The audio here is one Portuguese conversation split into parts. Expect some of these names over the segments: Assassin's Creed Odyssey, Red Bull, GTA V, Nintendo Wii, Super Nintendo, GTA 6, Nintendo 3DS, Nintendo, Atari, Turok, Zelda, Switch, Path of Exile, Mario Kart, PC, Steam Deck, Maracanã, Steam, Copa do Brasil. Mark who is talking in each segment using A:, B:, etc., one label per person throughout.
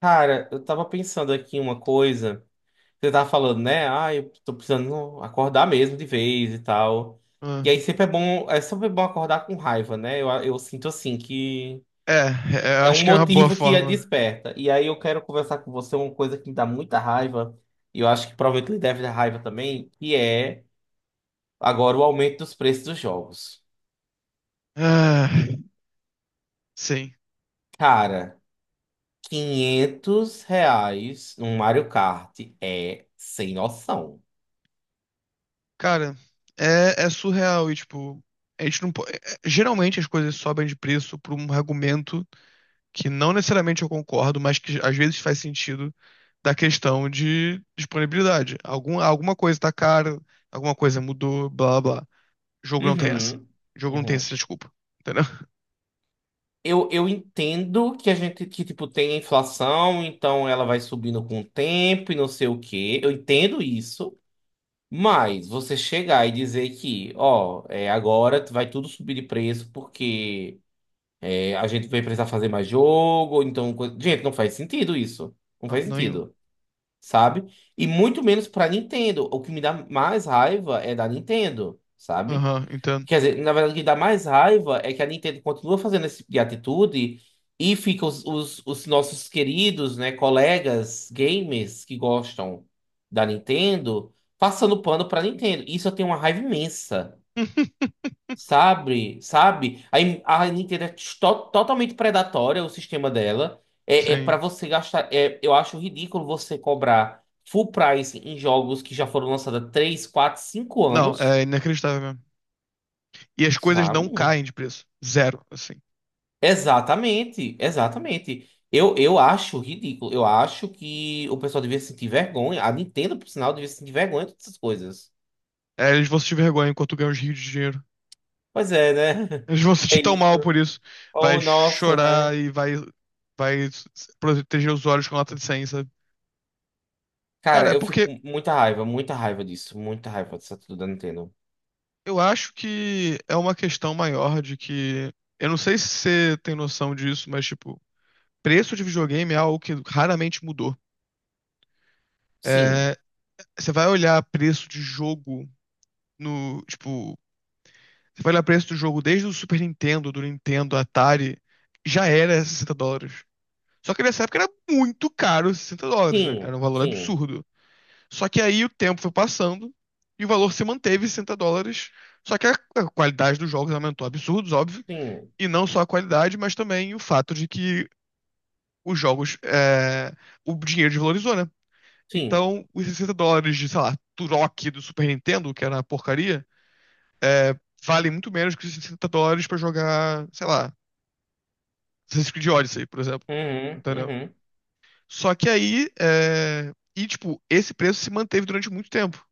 A: Cara, eu tava pensando aqui em uma coisa. Você tava falando, né? Ah, eu tô precisando acordar mesmo de vez e tal.
B: Ah.
A: E aí é sempre bom acordar com raiva, né? Eu sinto assim que
B: É, é,
A: é um
B: acho que é uma boa
A: motivo que a
B: forma.
A: desperta. E aí eu quero conversar com você uma coisa que me dá muita raiva, e eu acho que provavelmente lhe deve dar raiva também, que é agora o aumento dos preços dos jogos.
B: Ah, sim.
A: Cara, R$ 500 num Mario Kart é sem noção.
B: Cara, é surreal e, tipo, a gente não pode. Geralmente as coisas sobem de preço por um argumento que não necessariamente eu concordo, mas que às vezes faz sentido da questão de disponibilidade. Alguma coisa tá cara, alguma coisa mudou, blá blá blá. Jogo não tem essa.
A: Uhum.
B: Jogo não tem
A: Uhum.
B: essa desculpa. Entendeu?
A: Eu entendo que a gente, que, tipo, tem a inflação, então ela vai subindo com o tempo e não sei o quê. Eu entendo isso, mas você chegar e dizer que, ó, agora vai tudo subir de preço porque a gente vai precisar fazer mais jogo, então. Gente, não faz sentido isso. Não
B: Não,
A: faz
B: nenhum.
A: sentido, sabe? E muito menos pra Nintendo. O que me dá mais raiva é da Nintendo, sabe?
B: Aham, entendo.
A: Quer dizer, na verdade, o que dá mais raiva é que a Nintendo continua fazendo esse tipo de atitude e fica os nossos queridos, né, colegas gamers que gostam da Nintendo passando pano pra Nintendo. Isso eu tenho uma raiva imensa, sabe? Sabe? Aí a Nintendo é totalmente predatória, o sistema dela. É para
B: Sim.
A: você gastar. Eu acho ridículo você cobrar full price em jogos que já foram lançados há 3, 4, 5
B: Não,
A: anos,
B: é inacreditável mesmo. E as coisas não
A: sabe?
B: caem de preço. Zero, assim.
A: Exatamente, exatamente. Eu acho ridículo. Eu acho que o pessoal devia sentir vergonha. A Nintendo, por sinal, devia sentir vergonha de todas essas coisas.
B: É, eles vão sentir vergonha enquanto ganham os rios de dinheiro.
A: Pois é, né?
B: Eles vão se
A: É
B: sentir tão
A: isso.
B: mal por isso. Vai
A: Oh, nossa, né?
B: chorar e vai proteger os olhos com nota de 100, sabe? Cara,
A: Cara,
B: é
A: eu fico
B: porque
A: com muita raiva disso. Muita raiva disso tudo da Nintendo.
B: eu acho que é uma questão maior de que. Eu não sei se você tem noção disso, mas, tipo, preço de videogame é algo que raramente mudou.
A: Sim,
B: É, você vai olhar preço de jogo no, tipo, você vai olhar o preço do jogo desde o Super Nintendo, do Nintendo, Atari, já era US$ 60. Só que nessa época era muito caro US$ 60, né?
A: sim,
B: Era um valor
A: sim,
B: absurdo. Só que aí o tempo foi passando e o valor se manteve US$ 60. Só que a qualidade dos jogos aumentou absurdos, óbvio.
A: sim,
B: E não só a qualidade, mas também o fato de que os jogos, é, o dinheiro desvalorizou, né?
A: sim.
B: Então, os US$ 60 de, sei lá, Turok do Super Nintendo, que era uma porcaria, é, vale muito menos que os US$ 60 pra jogar, sei lá, Assassin's Creed Odyssey, por exemplo.
A: Uhum,
B: Entendeu?
A: uhum,
B: Só que aí, é, e tipo, esse preço se manteve durante muito tempo.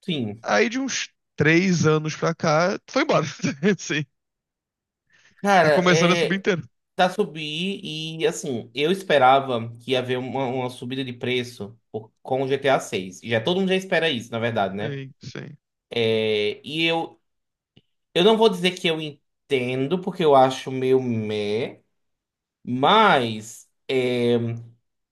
A: sim.
B: Aí de uns 3 anos pra cá, foi embora. Sim. Tá
A: Cara,
B: começando a subir
A: é.
B: inteiro.
A: Tá subir e assim, eu esperava que ia haver uma subida de preço com o GTA 6. Já todo mundo já espera isso, na verdade, né?
B: Sim, sim.
A: É, e eu não vou dizer que eu entendo, porque eu acho meio meh, mas é,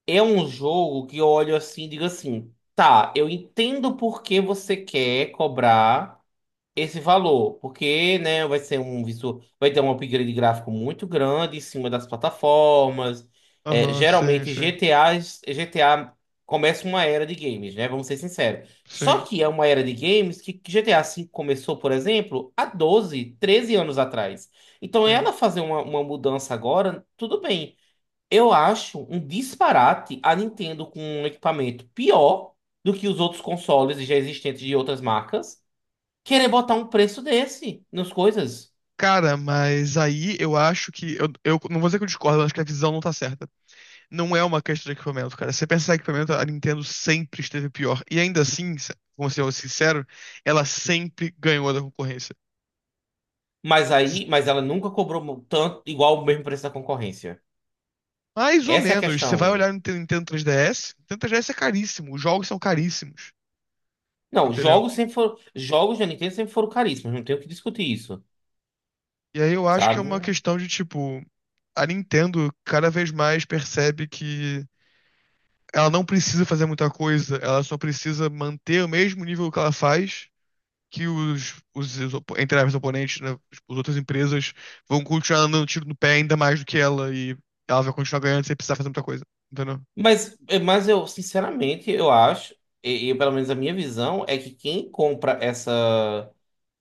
A: é um jogo que eu olho assim e digo assim, tá, eu entendo por que você quer cobrar esse valor, porque, né, vai ter um upgrade gráfico muito grande em cima das plataformas. É,
B: Aham, sim,
A: geralmente
B: sim.
A: GTA começa uma era de games, né? Vamos ser sinceros.
B: Sim,
A: Só que é uma era de games que GTA V começou, por exemplo, há 12 13 anos atrás. Então,
B: sim.
A: ela fazer uma mudança agora, tudo bem. Eu acho um disparate a Nintendo com um equipamento pior do que os outros consoles já existentes de outras marcas querer botar um preço desse nas coisas.
B: Cara, mas aí eu acho que. Eu não vou dizer que eu discordo, eu acho que a visão não tá certa. Não é uma questão de equipamento, cara. Se você pensar em equipamento, a Nintendo sempre esteve pior. E ainda assim, como ser sincero, ela sempre ganhou da concorrência.
A: Mas ela nunca cobrou tanto igual o mesmo preço da concorrência.
B: Mais ou
A: Essa é a
B: menos. Você vai
A: questão.
B: olhar no Nintendo 3DS, Nintendo 3DS é caríssimo, os jogos são caríssimos,
A: Não,
B: entendeu?
A: jogos da Nintendo sempre foram caríssimos, não tenho o que discutir isso,
B: E aí eu acho que é uma
A: sabe?
B: questão de tipo, a Nintendo cada vez mais percebe que ela não precisa fazer muita coisa, ela só precisa manter o mesmo nível que ela faz, que os entre aspas, oponentes, né, as outras empresas vão continuar dando tiro no pé ainda mais do que ela e ela vai continuar ganhando sem precisar fazer muita coisa, entendeu?
A: Mas eu, sinceramente, eu acho, e pelo menos a minha visão é que quem compra essa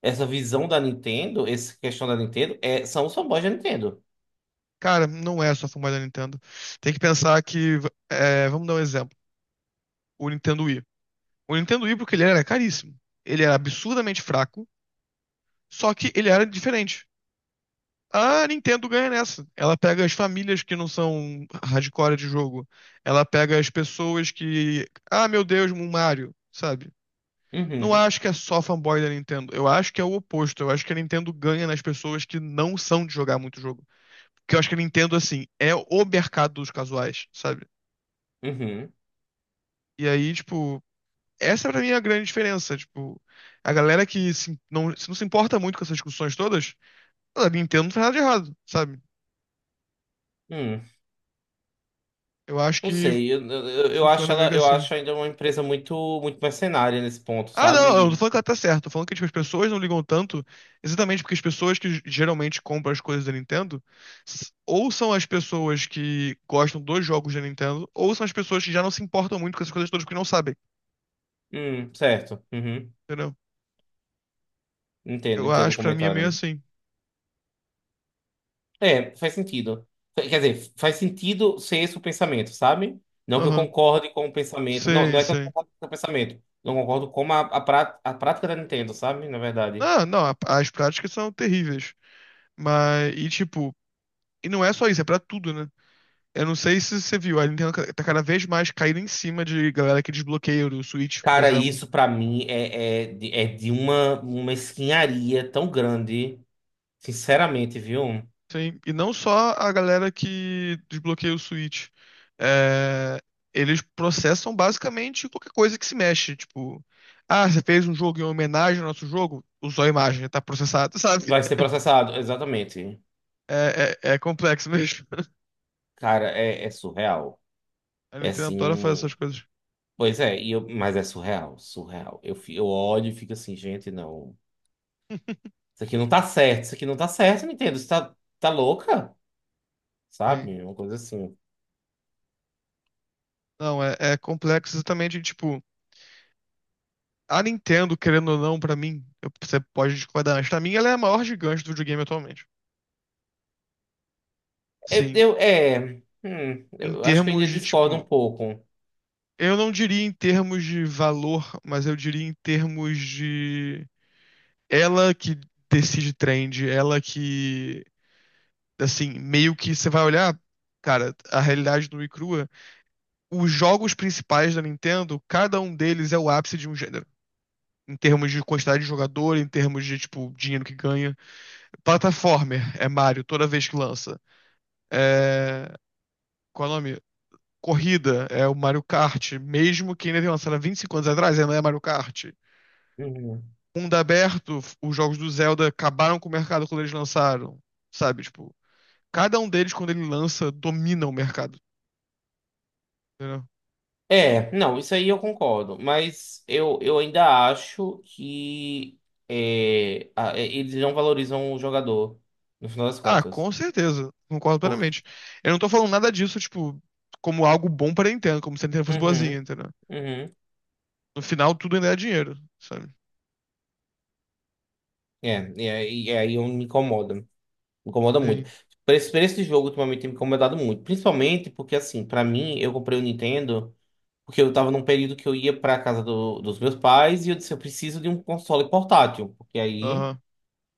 A: essa questão da Nintendo, são os fanboys da Nintendo.
B: Cara, não é só fumar da Nintendo. Tem que pensar que, é, vamos dar um exemplo. O Nintendo Wii. O Nintendo Wii, porque ele era caríssimo. Ele era absurdamente fraco, só que ele era diferente. A Nintendo ganha nessa. Ela pega as famílias que não são hardcore de jogo. Ela pega as pessoas que. Ah, meu Deus, um Mario, sabe? Não
A: Uhum,
B: acho que é só fanboy da Nintendo. Eu acho que é o oposto. Eu acho que a Nintendo ganha nas pessoas que não são de jogar muito jogo. Porque eu acho que a Nintendo, assim, é o mercado dos casuais, sabe?
A: uhum,
B: E aí, tipo, essa pra mim é a grande diferença. Tipo, a galera que se não se importa muito com essas discussões todas, a Nintendo não faz nada de errado, sabe?
A: uhum.
B: Eu acho
A: Não
B: que
A: sei, eu acho
B: funciona meio
A: ela,
B: que
A: eu
B: assim.
A: acho ainda uma empresa muito, muito mercenária nesse ponto,
B: Ah, não, eu não tô
A: sabe?
B: falando que ela tá certa, tô falando que tipo, as pessoas não ligam tanto, exatamente porque as pessoas que geralmente compram as coisas da Nintendo, ou são as pessoas que gostam dos jogos da Nintendo, ou são as pessoas que já não se importam muito com essas coisas todas porque não sabem,
A: Certo. Uhum.
B: entendeu?
A: Entendo,
B: Eu
A: entendo o
B: acho que pra mim é meio
A: comentário.
B: assim.
A: É, faz sentido. Quer dizer, faz sentido ser esse o pensamento, sabe? Não que eu
B: Aham,
A: concorde com o pensamento. Não,
B: sei,
A: não é que eu
B: sei.
A: concordo com o pensamento. Não concordo com a prática da Nintendo, sabe? Na verdade.
B: Ah, não, as práticas são terríveis. Mas, e tipo, e não é só isso, é pra tudo, né? Eu não sei se você viu, a Nintendo tá cada vez mais caindo em cima de galera que desbloqueia o Switch, por
A: Cara,
B: exemplo.
A: isso pra mim é de uma mesquinharia tão grande. Sinceramente, viu?
B: Sim, e não só a galera que desbloqueia o Switch. É, eles processam basicamente qualquer coisa que se mexe. Tipo, ah, você fez um jogo em homenagem ao nosso jogo? Usou a imagem, tá processado, sabe?
A: Vai ser processado, exatamente.
B: É complexo mesmo.
A: Cara, é surreal.
B: A
A: É
B: Nintendo adora fazer essas
A: assim.
B: coisas.
A: Pois é, mas é surreal, surreal. Eu olho e fico assim, gente, não. Isso aqui não tá certo, isso aqui não tá certo, Nintendo. Você tá louca?
B: Sim.
A: Sabe? Uma coisa assim.
B: Não, é complexo exatamente, tipo. A Nintendo, querendo ou não, pra mim, você pode discordar, mas pra mim ela é a maior gigante do videogame atualmente.
A: Eu,
B: Sim,
A: eu- é. hum,
B: em
A: eu acho que eu
B: termos
A: ainda
B: de,
A: discordo um
B: tipo,
A: pouco.
B: eu não diria em termos de valor, mas eu diria em termos de ela que decide trend, ela que, assim, meio que você vai olhar, cara, a realidade nua e crua, os jogos principais da Nintendo, cada um deles é o ápice de um gênero. Em termos de quantidade de jogador, em termos de, tipo, dinheiro que ganha. Plataformer é Mario toda vez que lança. É, qual é o nome? Corrida, é o Mario Kart, mesmo que ainda tenha lançado há 25 anos atrás, ainda é Mario Kart.
A: Uhum.
B: Mundo aberto, os jogos do Zelda acabaram com o mercado quando eles lançaram, sabe? Tipo, cada um deles, quando ele lança, domina o mercado, entendeu?
A: É, não, isso aí eu concordo. Mas eu ainda acho que eles não valorizam o jogador, no final das
B: Ah,
A: contas.
B: com certeza, concordo
A: Por,
B: plenamente. Eu não tô falando nada disso, tipo, como algo bom pra Nintendo, como se a Nintendo fosse boazinha,
A: uhum,
B: entendeu?
A: uhum.
B: No final, tudo ainda é dinheiro, sabe?
A: É, e aí eu me incomoda. Me incomoda muito.
B: Sim,
A: Por esse jogo, ultimamente, tem me incomodado muito. Principalmente porque, assim, pra mim, eu comprei o Nintendo porque eu tava num período que eu ia pra casa dos meus pais e eu disse, eu preciso de um console portátil. Porque aí,
B: aham,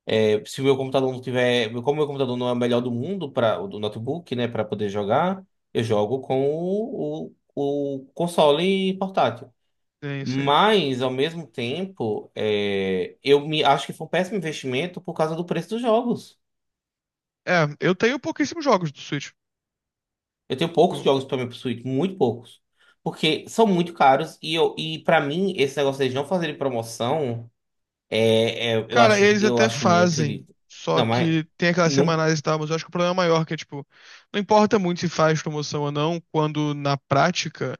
A: se o meu computador não tiver. Como o meu computador não é o melhor do mundo, o do notebook, né, pra poder jogar, eu jogo com o console portátil.
B: tem isso aí.
A: Mas, ao mesmo tempo, eu me acho que foi um péssimo investimento por causa do preço dos jogos.
B: É, eu tenho pouquíssimos jogos do Switch.
A: Eu tenho poucos
B: Tipo,
A: jogos para minha Switch, muito poucos. Porque são muito caros e, para mim, esse negócio deles não fazerem promoção, eu
B: cara,
A: acho,
B: eles
A: eu
B: até
A: acho muito
B: fazem,
A: ridículo.
B: só
A: Não, mas.
B: que tem aquelas
A: Não,
B: semanais e tal, mas eu acho que o problema é maior, que é, tipo, não importa muito se faz promoção ou não, quando na prática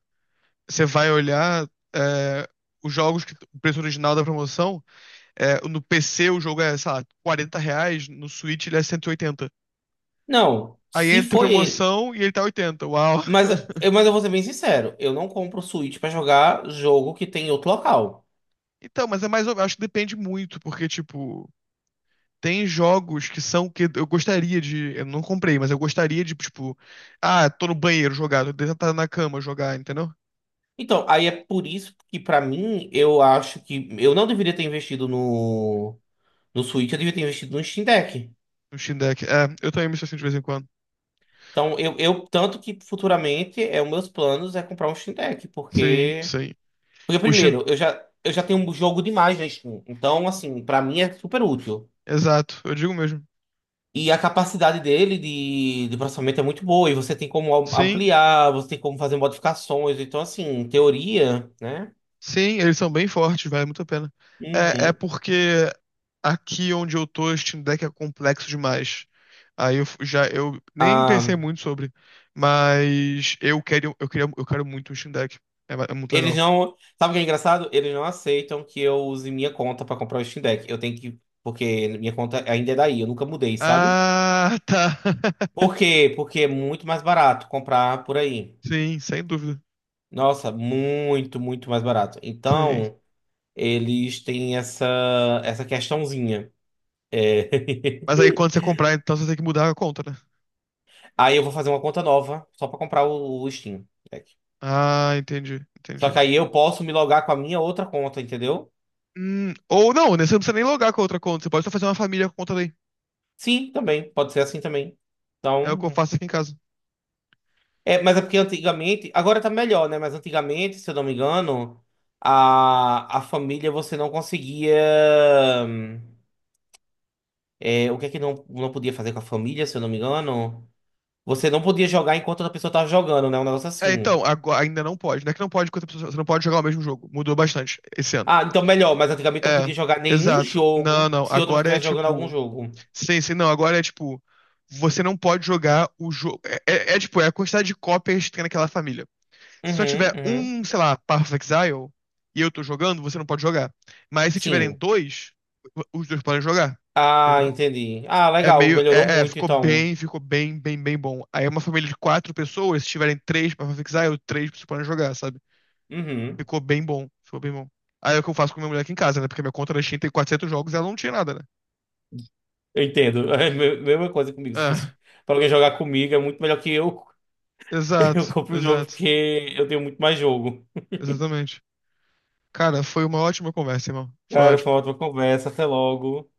B: você vai olhar é, os jogos que o preço original da promoção, é, no PC o jogo é, sei lá, R$ 40, no Switch ele é 180.
A: não,
B: Aí
A: se
B: entra
A: foi.
B: promoção e ele tá 80. Uau.
A: Mas mas eu vou ser bem sincero, eu não compro Switch para jogar jogo que tem em outro local.
B: Então, mas é mais, acho que depende muito, porque, tipo, tem jogos que são que eu gostaria de. Eu não comprei, mas eu gostaria de, tipo. Ah, tô no banheiro jogar, tô deitado na cama jogar, entendeu?
A: Então, aí é por isso que, pra mim, eu acho que eu não deveria ter investido no Switch, eu deveria ter investido no Steam Deck.
B: No Steam Deck. É, eu também me sinto assim de vez em quando.
A: Então, eu tanto que futuramente é os meus planos é comprar um Steam Deck,
B: Sim,
A: porque,
B: sim. O Steam.
A: eu já tenho um jogo demais na Steam. Então, assim, pra mim é super útil.
B: Exato, eu digo mesmo.
A: E a capacidade dele de processamento é muito boa, e você tem como
B: Sim,
A: ampliar, você tem como fazer modificações. Então, assim, em teoria, né?
B: sim, eles são bem fortes, vale muito a pena. É
A: Uhum.
B: porque aqui onde eu tô, o Steam Deck é complexo demais. Aí já eu nem
A: Ah,
B: pensei muito sobre, mas eu quero muito o Steam Deck. É, é muito
A: eles
B: legal.
A: não. Sabe o que é engraçado? Eles não aceitam que eu use minha conta pra comprar o Steam Deck. Eu tenho que. Porque minha conta ainda é daí, eu nunca mudei, sabe?
B: Ah, tá.
A: Por quê? Porque é muito mais barato comprar por aí.
B: Sim, sem dúvida.
A: Nossa, muito, muito mais barato.
B: Sim.
A: Então, eles têm essa, essa questãozinha. É.
B: Mas aí quando você comprar, então você tem que mudar a conta, né?
A: Aí eu vou fazer uma conta nova só pra comprar o Steam Deck.
B: Ah, entendi,
A: Só
B: entendi.
A: que aí eu posso me logar com a minha outra conta, entendeu?
B: Ou não, né? Você não precisa nem logar com a outra conta. Você pode só fazer uma família com a conta daí.
A: Sim, também. Pode ser assim também.
B: É o que eu
A: Então.
B: faço aqui em casa.
A: É, mas é porque antigamente, agora tá melhor, né? Mas antigamente, se eu não me engano, a família você não conseguia. O que é que não, não podia fazer com a família, se eu não me engano? Você não podia jogar enquanto outra pessoa tava jogando, né? Um negócio
B: É,
A: assim.
B: então, agora, ainda não pode. Não é que não pode, com outra pessoa, você não pode jogar o mesmo jogo. Mudou bastante esse ano.
A: Ah, então melhor, mas antigamente não
B: É,
A: podia jogar nenhum
B: exato. Não,
A: jogo
B: não.
A: se outra pessoa
B: Agora é
A: estivesse jogando algum
B: tipo.
A: jogo.
B: Sim, sim, não. Agora é tipo. Você não pode jogar o jogo. É, tipo, é a quantidade de cópias que tem naquela família. Se só
A: Uhum,
B: tiver
A: uhum.
B: um, sei lá, Path of Exile e eu tô jogando, você não pode jogar. Mas se tiverem
A: Sim.
B: dois, os dois podem jogar.
A: Ah,
B: Entendeu?
A: entendi. Ah,
B: É
A: legal,
B: meio.
A: melhorou
B: É,
A: muito,
B: ficou
A: então.
B: bem, ficou bem, bem, bem bom. Aí é uma família de quatro pessoas, se tiverem três Path of Exile, três vocês podem jogar, sabe?
A: Uhum.
B: Ficou bem bom. Ficou bem bom. Aí é o que eu faço com minha mulher aqui em casa, né? Porque minha conta na Steam tem 400 jogos e ela não tinha nada, né?
A: Eu entendo. É a mesma coisa comigo. Se fosse
B: É,
A: pra alguém jogar comigo, é muito melhor que eu.
B: exato,
A: Eu compro o jogo
B: exato,
A: porque eu tenho muito mais jogo.
B: exatamente. Cara, foi uma ótima conversa, irmão. Foi
A: Cara, foi uma
B: ótimo.
A: ótima conversa. Até logo.